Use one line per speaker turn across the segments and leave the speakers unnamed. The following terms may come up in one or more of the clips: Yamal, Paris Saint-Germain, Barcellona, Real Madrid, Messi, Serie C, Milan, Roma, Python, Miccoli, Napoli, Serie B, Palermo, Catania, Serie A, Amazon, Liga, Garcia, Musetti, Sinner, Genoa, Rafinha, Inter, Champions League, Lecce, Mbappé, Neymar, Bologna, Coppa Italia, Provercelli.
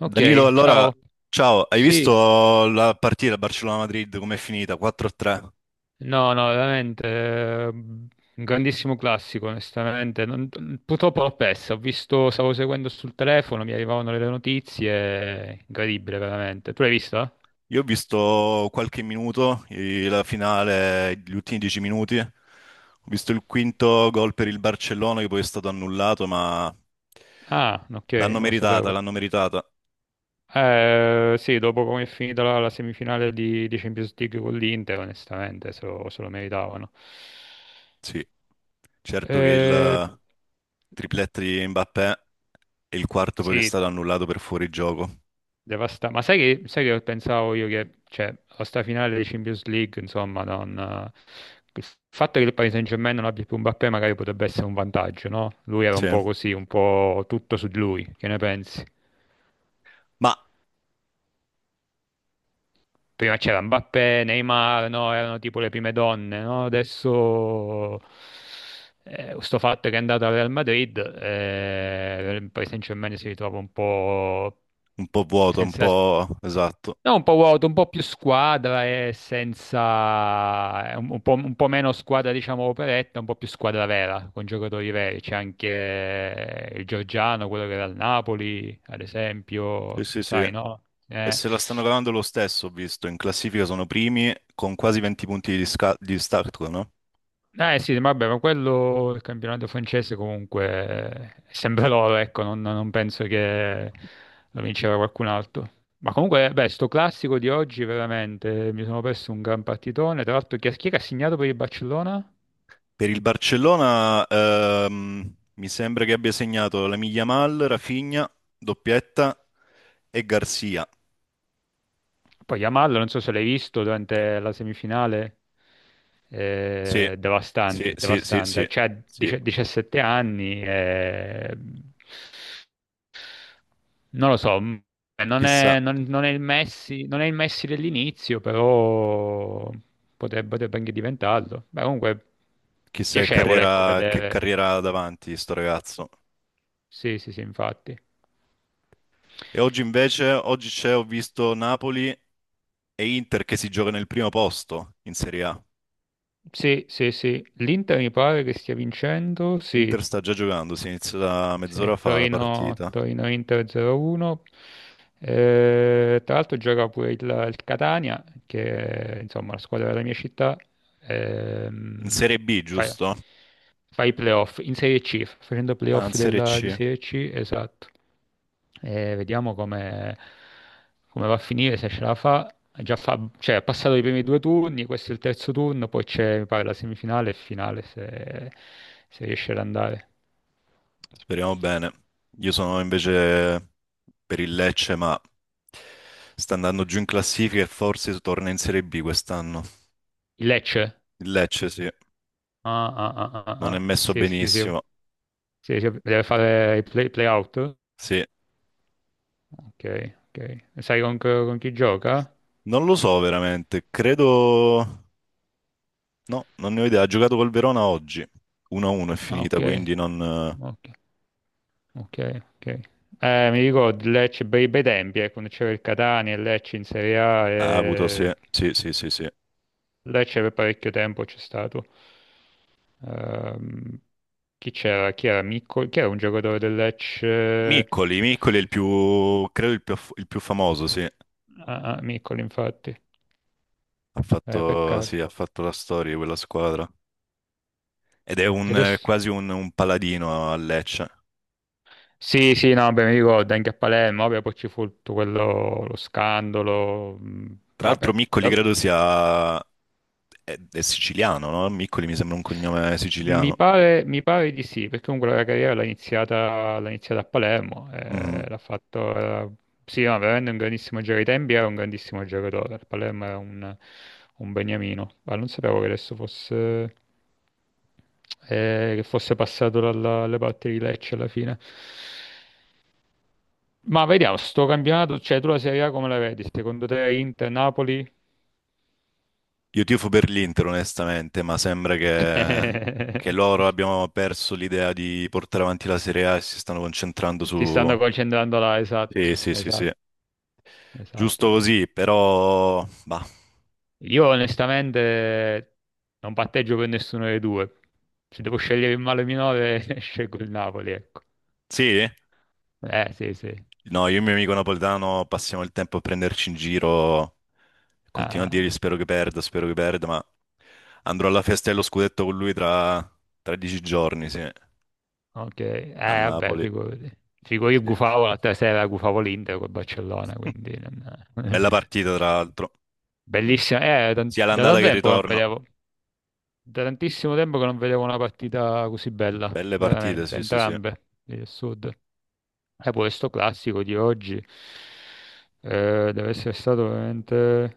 Ok,
Danilo, allora,
ciao.
ciao, hai
Sì,
visto la partita Barcellona-Madrid com'è finita? 4-3.
no, no, veramente, un grandissimo classico, onestamente. Purtroppo l'ho persa, ho visto, stavo seguendo sul telefono, mi arrivavano le notizie, incredibile, veramente. Tu l'hai vista?
Io ho visto qualche minuto, la finale, gli ultimi 10 minuti. Ho visto il quinto gol per il Barcellona che poi è stato annullato, ma
Ah, ok,
l'hanno
non lo
meritata,
sapevo.
l'hanno meritata.
Sì, dopo come è finita la semifinale di Champions League con l'Inter, onestamente, se lo meritavano.
Sì, certo che
Eh,
il tripletto di Mbappé e il quarto poi che è
sì.
stato annullato per fuorigioco.
Ma sai che pensavo io che, cioè, la sta finale di Champions League, insomma, non, il fatto che il Paris Saint-Germain non abbia più Mbappé magari potrebbe essere un vantaggio, no? Lui era
Sì,
un po' così, un po' tutto su di lui, che ne pensi?
ma
Prima c'era Mbappé, Neymar, no? Erano tipo le prime donne, no? Adesso sto fatto che è andato al Real Madrid, il Paris Saint-Germain si ritrova un po'
un po' vuoto, un
senza.
po' esatto.
No, un po' vuoto, un po' più squadra e senza. È un po' meno squadra, diciamo, operetta, un po' più squadra vera, con giocatori veri. C'è anche il Giorgiano, quello che era al Napoli, ad
Sì,
esempio,
sì, sì.
sai, no?
E se la stanno cavando lo stesso, ho visto, in classifica sono primi con quasi 20 punti di distacco, no?
Eh sì, vabbè, ma quello, il campionato francese comunque, sempre loro, ecco, non penso che lo vinceva qualcun altro. Ma comunque, beh, sto classico di oggi veramente, mi sono perso un gran partitone. Tra l'altro chi è che ha segnato per il Barcellona?
Per il Barcellona, mi sembra che abbia segnato la Yamal, Rafinha, doppietta e Garcia.
Poi Yamal, non so se l'hai visto durante la semifinale,
Sì, sì,
devastante,
sì, sì,
devastante,
sì,
cioè
sì.
17 anni, eh. Non lo so,
Chissà,
non è il Messi, non è il Messi dell'inizio, però potrebbe, potrebbe anche diventarlo. Beh, comunque
chissà
piacevole, ecco,
che
vedere.
carriera ha davanti sto ragazzo.
Sì, sì, sì, infatti.
E oggi invece, ho visto Napoli e Inter che si gioca nel primo posto in Serie A.
Sì, sì, sì. L'Inter mi pare che stia vincendo, sì.
L'Inter sta già giocando, si inizia da
Sì,
mezz'ora fa la partita.
Torino-Inter 0-1. Tra l'altro gioca pure il Catania, che è insomma la squadra della mia città.
In
ehm,
Serie B,
fa,
giusto?
fa i playoff in Serie C, sta facendo
Ah, in
playoff
Serie
della, di
C.
Serie C, esatto. E vediamo come va a finire, se ce la fa. Ha già cioè, ha passato i primi due turni, questo è il terzo turno, poi c'è, mi pare, la semifinale e finale, se riesce ad andare.
Speriamo bene. Io sono invece per il Lecce, ma sta andando giù in classifica e forse torna in Serie B quest'anno.
Il Lecce?
Il Lecce, sì,
Ah, ah, ah, ah,
non è
ah.
messo
Sì, sì, sì, sì,
benissimo.
sì, sì, deve fare i playout.
Sì,
Ok, ok. E sai con chi gioca?
non lo so veramente. No, non ne ho idea. Ha giocato col Verona oggi. 1-1 è
Ah,
finita,
ok,
quindi non...
ok, ok, ok. Mi ricordo il Lecce bei, bei tempi, quando c'era il Catania e il Lecce in Serie A.
Ha avuto, sì,
E...
sì, sì, sì, sì.
Lecce per parecchio tempo c'è stato. Ehm, chi c'era? Chi era? Miccoli? Chi era un giocatore del Lecce?
Miccoli, Miccoli è il più, credo il più famoso, sì.
Ah, ah, Miccoli, infatti.
Ha fatto, sì,
Peccato.
ha fatto la storia di quella squadra. Ed è
E adesso?
quasi un paladino a Lecce.
Sì, sì, no, beh, mi ricordo anche a Palermo, vabbè, poi ci fu tutto quello, lo scandalo,
Tra l'altro
vabbè,
Miccoli
guarda,
credo è siciliano, no? Miccoli mi sembra un cognome
mi
siciliano.
pare, mi pare di sì, perché comunque la carriera l'ha iniziata a Palermo,
Mhm.
l'ha fatto, sì, no, veramente un grandissimo giocatore, ai tempi era un grandissimo giocatore, il Palermo era un beniamino, ma non sapevo che adesso fosse, che fosse passato alle parti di Lecce alla fine. Ma vediamo, sto campionato, cioè tu la Serie A come la vedi? Secondo te Inter, Napoli?
Io tifo per l'Inter, onestamente, ma sembra che loro abbiano perso l'idea di portare avanti la Serie A e si stanno concentrando su...
Si stanno concentrando là, esatto,
Sì, sì, sì, sì.
esatto,
Giusto
esattamente.
così, però... Bah.
Io onestamente non patteggio per nessuno dei due. Se devo scegliere il male minore, scelgo il Napoli, ecco.
Sì?
Sì, sì.
No, io e il mio amico napoletano passiamo il tempo a prenderci in giro. Continuo a dirgli
Ah,
spero che perda, ma andrò alla festa dello scudetto con lui tra 13 giorni, sì, a
ok. Vabbè,
Napoli.
figurati. Figo, io
Sì, sì.
gufavo l'altra sera, gufavo l'Inter col Barcellona, quindi,
Bella partita, tra l'altro.
Bellissima, da,
Sia
da
l'andata che
tanto
il
tempo che non
ritorno.
vedevo. Da tantissimo tempo che non vedevo una partita così bella,
Belle partite,
veramente,
sì, sì, sì,
entrambe, il Sud. E poi sto classico di oggi deve essere stato veramente,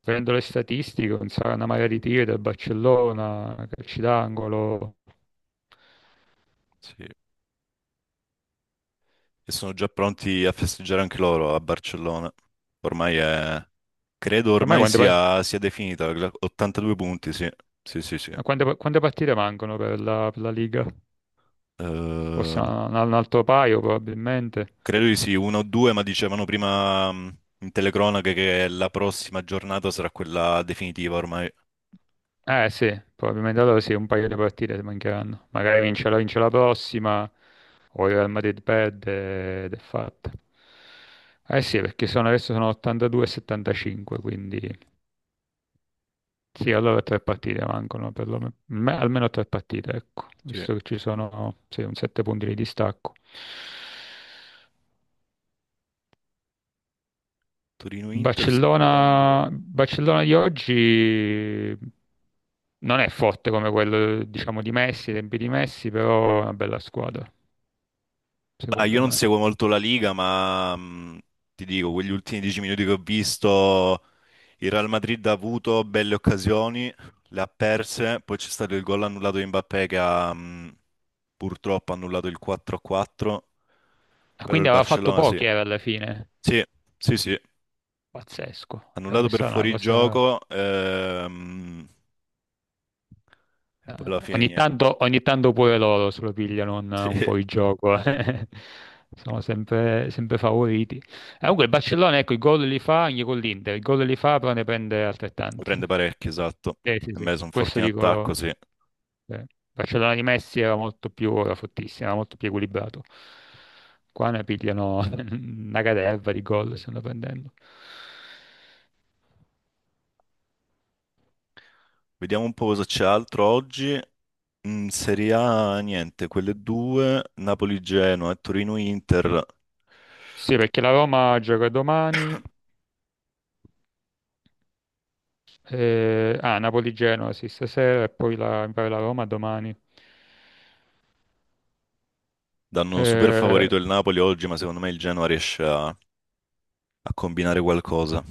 prendo le statistiche, una marea di tiri del Barcellona, calci d'angolo.
sì. E sono già pronti a festeggiare anche loro a Barcellona. Ormai è... Credo
Ormai
ormai
quante, par-
sia definita, 82 punti, sì, sì, sì, sì.
quante- quante partite mancano per la, Liga? Forse
Eh,
un altro paio probabilmente.
Credo di sì, uno o due, ma dicevano prima in telecronache che la prossima giornata sarà quella definitiva ormai.
Eh sì, probabilmente allora sì, un paio di partite mancheranno. Magari vince la prossima o il Real Madrid perde ed è fatta. Eh sì, perché sono, adesso sono 82 e 75, quindi sì, allora tre partite mancano, perlomeno, almeno tre partite, ecco,
Sì.
visto che ci sono sì, un 7 punti di distacco.
Torino-Inter sto vedendo.
Barcellona, Barcellona di oggi non è forte come quello, diciamo, di Messi, i tempi di Messi, però è una bella squadra,
Bah, io
secondo
non
me.
seguo molto la Liga, ma ti dico, quegli ultimi 10 minuti che ho visto, il Real Madrid ha avuto belle occasioni, le ha perse, poi c'è stato il gol annullato di Mbappé che ha purtroppo annullato il 4-4,
E
però
quindi
il
aveva fatto
Barcellona sì.
pochi, era alla fine.
Sì, sì, sì.
Pazzesco,
Annullato
sarebbe
per
stata una cosa.
fuorigioco, e
Eh,
poi alla fine
ogni
niente.
tanto, ogni tanto pure loro se lo pigliano
Sì,
un
ne
fuorigioco. Eh. Sono sempre, sempre favoriti. Comunque il Barcellona, ecco, i gol li fa anche con l'Inter, i gol li fa però ne prende altrettanti.
prende parecchio, esatto.
Sì,
E
sì,
me sono
questo
forti in
dico.
attacco, sì.
Il Barcellona di Messi era era fortissimo, era molto più equilibrato. Qua ne pigliano una caterva di gol, stanno prendendo.
Vediamo un po' cosa c'è altro oggi. In Serie A, niente, quelle due, Napoli-Genoa e Torino-Inter,
Sì, perché la Roma gioca domani. Ah, Napoli-Genoa sì, stasera e poi la, mi pare la Roma domani.
danno super
Eh,
favorito il Napoli oggi, ma secondo me il Genoa riesce a combinare qualcosa.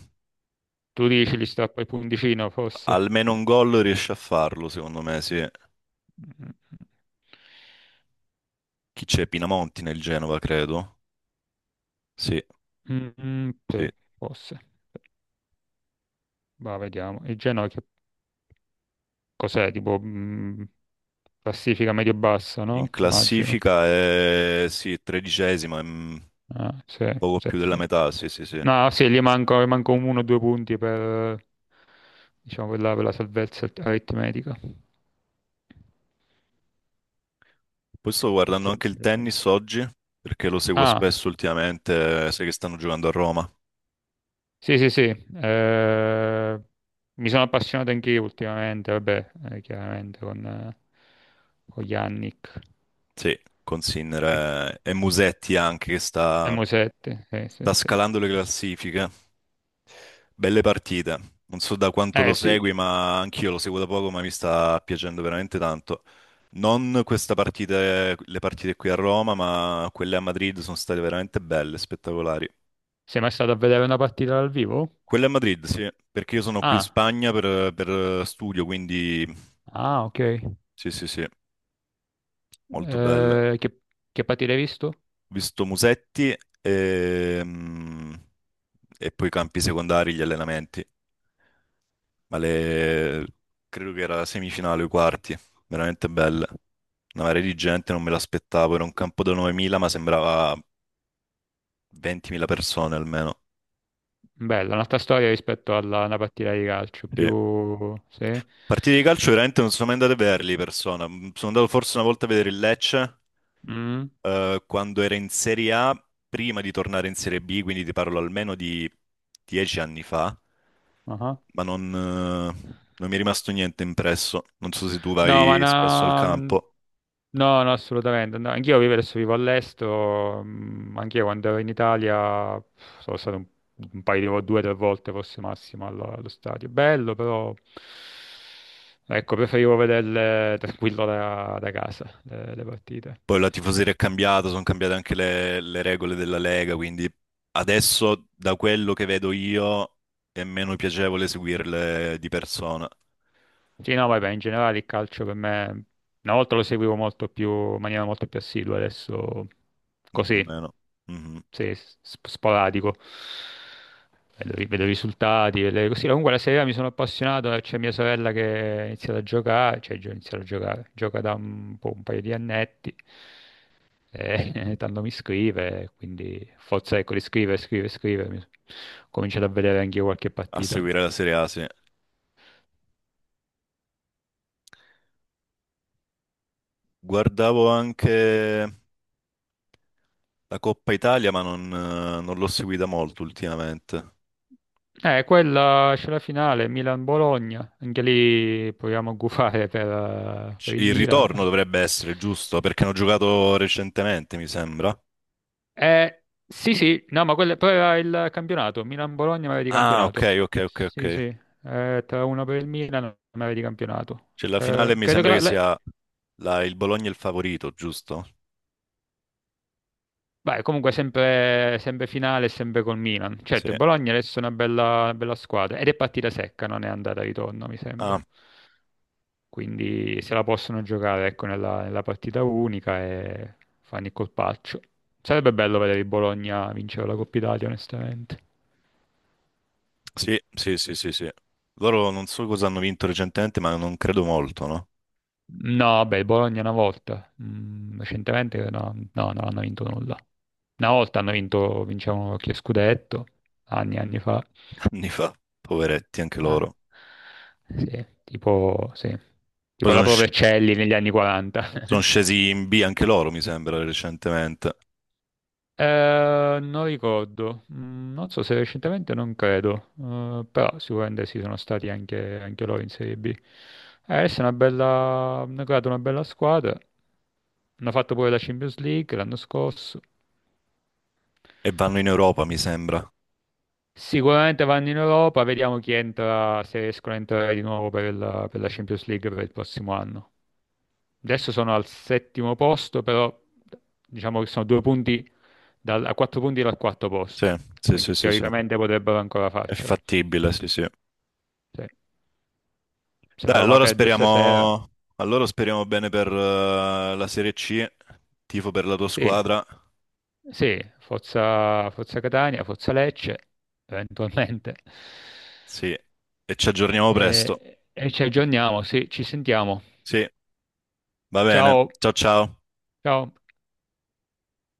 tu dici li strappa il punticino, forse?
Almeno un gol riesce a farlo, secondo me, sì.
Mm,
Chi c'è? Pinamonti nel Genova, credo. Sì,
mm, mm,
sì.
sì, forse. Va, vediamo. Il Genoa che cos'è? Tipo classifica medio-bassa,
In
no? Immagino.
classifica è sì, tredicesima,
Ah, sì,
poco
sì,
più della
sì.
metà, sì, sì, sì.
No, sì, gli manco 1 o 2 punti per, diciamo, per la salvezza aritmetica.
Poi sto guardando anche il
Sì.
tennis oggi, perché lo seguo
Ah,
spesso ultimamente, sai che stanno giocando a Roma.
sì, sì, sì, eh, mi sono appassionato anche io ultimamente, vabbè, chiaramente con Yannick
Sì, con Sinner e Musetti anche, che
e
sta,
Mosette, sì, sì,
sta
sì.
scalando le classifiche. Belle partite. Non so da quanto lo
Eh sì,
segui, ma anch'io lo seguo da poco, ma mi sta piacendo veramente tanto. Non questa partita, le partite qui a Roma, ma quelle a Madrid sono state veramente belle, spettacolari.
sei mai stato a vedere una partita dal vivo?
Quella è a Madrid, sì, perché io sono qui in
Ah,
Spagna per studio, quindi
ah, ok.
sì, sì, sì, molto bella. Ho
Eh, che, che partita hai visto?
visto Musetti e, mm, e poi i campi secondari, gli allenamenti, ma le, credo che era la semifinale o i quarti, veramente bella. Una marea di gente, non me l'aspettavo, era un campo da 9.000, ma sembrava 20.000 persone almeno.
Bella, un'altra storia rispetto alla una partita di calcio,
Sì.
più, sì?
Partite di calcio veramente non sono mai andato a vederli di persona, sono andato forse una volta a vedere il Lecce
Mm,
quando era in Serie A, prima di tornare in Serie B, quindi ti parlo almeno di 10 anni fa,
ah.
ma non mi è rimasto niente impresso. Non so se tu
No, ma
vai spesso al
no,
campo.
no, no, assolutamente. No. Anch'io vivo adesso vivo all'estero, anch'io quando ero in Italia pff, sono stato un paio di due o tre volte forse massimo allo stadio. Bello, però ecco, preferivo vederle tranquillo da casa, le partite.
Poi la tifoseria è cambiata, sono cambiate anche le regole della Lega, quindi adesso da quello che vedo io è meno piacevole seguirle di persona,
Sì, no, vabbè, in generale il calcio per me, una volta lo seguivo in maniera molto più assidua, adesso
un po'
così,
meno. Mhm.
sì, sporadico. Vedo i risultati, vedo così. Comunque la Serie A mi sono appassionato, c'è mia sorella che ha iniziato a giocare, gioca da un po', un paio di annetti, e tanto mi scrive, quindi forza ecco di scrivere, scrivere, scrivere, so, ho cominciato a vedere anche io qualche
A
partita.
seguire la Serie A, sì. Guardavo anche. La Coppa Italia, ma non l'ho seguita molto ultimamente.
Quella c'è la finale, Milan-Bologna, anche lì proviamo a gufare per il
Il ritorno
Milan.
dovrebbe essere, giusto? Perché hanno giocato recentemente, mi sembra.
Sì, sì, no, ma quella, però era il campionato, Milan-Bologna ma era di
Ah, ok,
campionato.
ok, ok, ok.
Sì, sì, tra uno per il Milan ma era di campionato.
C'è la finale, mi
Credo che
sembra che sia il Bologna il favorito, giusto?
beh, comunque sempre, sempre finale, sempre col Milan.
Sì.
Certo, il Bologna adesso è una bella squadra ed è partita secca, non è andata e ritorno, mi sembra.
Ah,
Quindi se la possono giocare, ecco, nella partita unica e fanno il colpaccio. Sarebbe bello vedere il Bologna vincere la Coppa Italia, onestamente.
sì, sì, sì, sì, sì. Loro non so cosa hanno vinto recentemente, ma non credo molto, no?
No, beh, il Bologna una volta, mm, recentemente no, no, non hanno vinto nulla. Una volta hanno vinto, vincevano che scudetto, anni e anni fa.
Anni fa, poveretti anche
Ah,
loro.
sì.
Poi
Tipo la
sono
Provercelli negli anni 40.
scesi in B anche loro, mi sembra, recentemente.
Non ricordo. Non so se recentemente non credo. Però sicuramente sì, sono stati anche loro in Serie B. Adesso è una bella, hanno creato una bella squadra, hanno fatto pure la Champions League l'anno scorso.
E vanno in Europa, mi sembra.
Sicuramente vanno in Europa, vediamo chi entra, se riescono a entrare di nuovo per la, Champions League per il prossimo anno. Adesso sono al settimo posto, però diciamo che sono 2 punti a 4 punti dal quarto
Sì,
posto,
sì, sì,
quindi
sì, sì.
teoricamente potrebbero ancora
È
farcela.
fattibile, sì, sì.
Se, se la
Dai,
Roma perde stasera,
allora speriamo bene per la Serie C, tifo per la tua
sì,
squadra,
sì, Forza, Forza Catania, Forza Lecce, eventualmente.
sì, e ci aggiorniamo presto.
E ci aggiorniamo, sì, ci sentiamo.
Sì, va bene.
Ciao,
Ciao ciao.
ciao.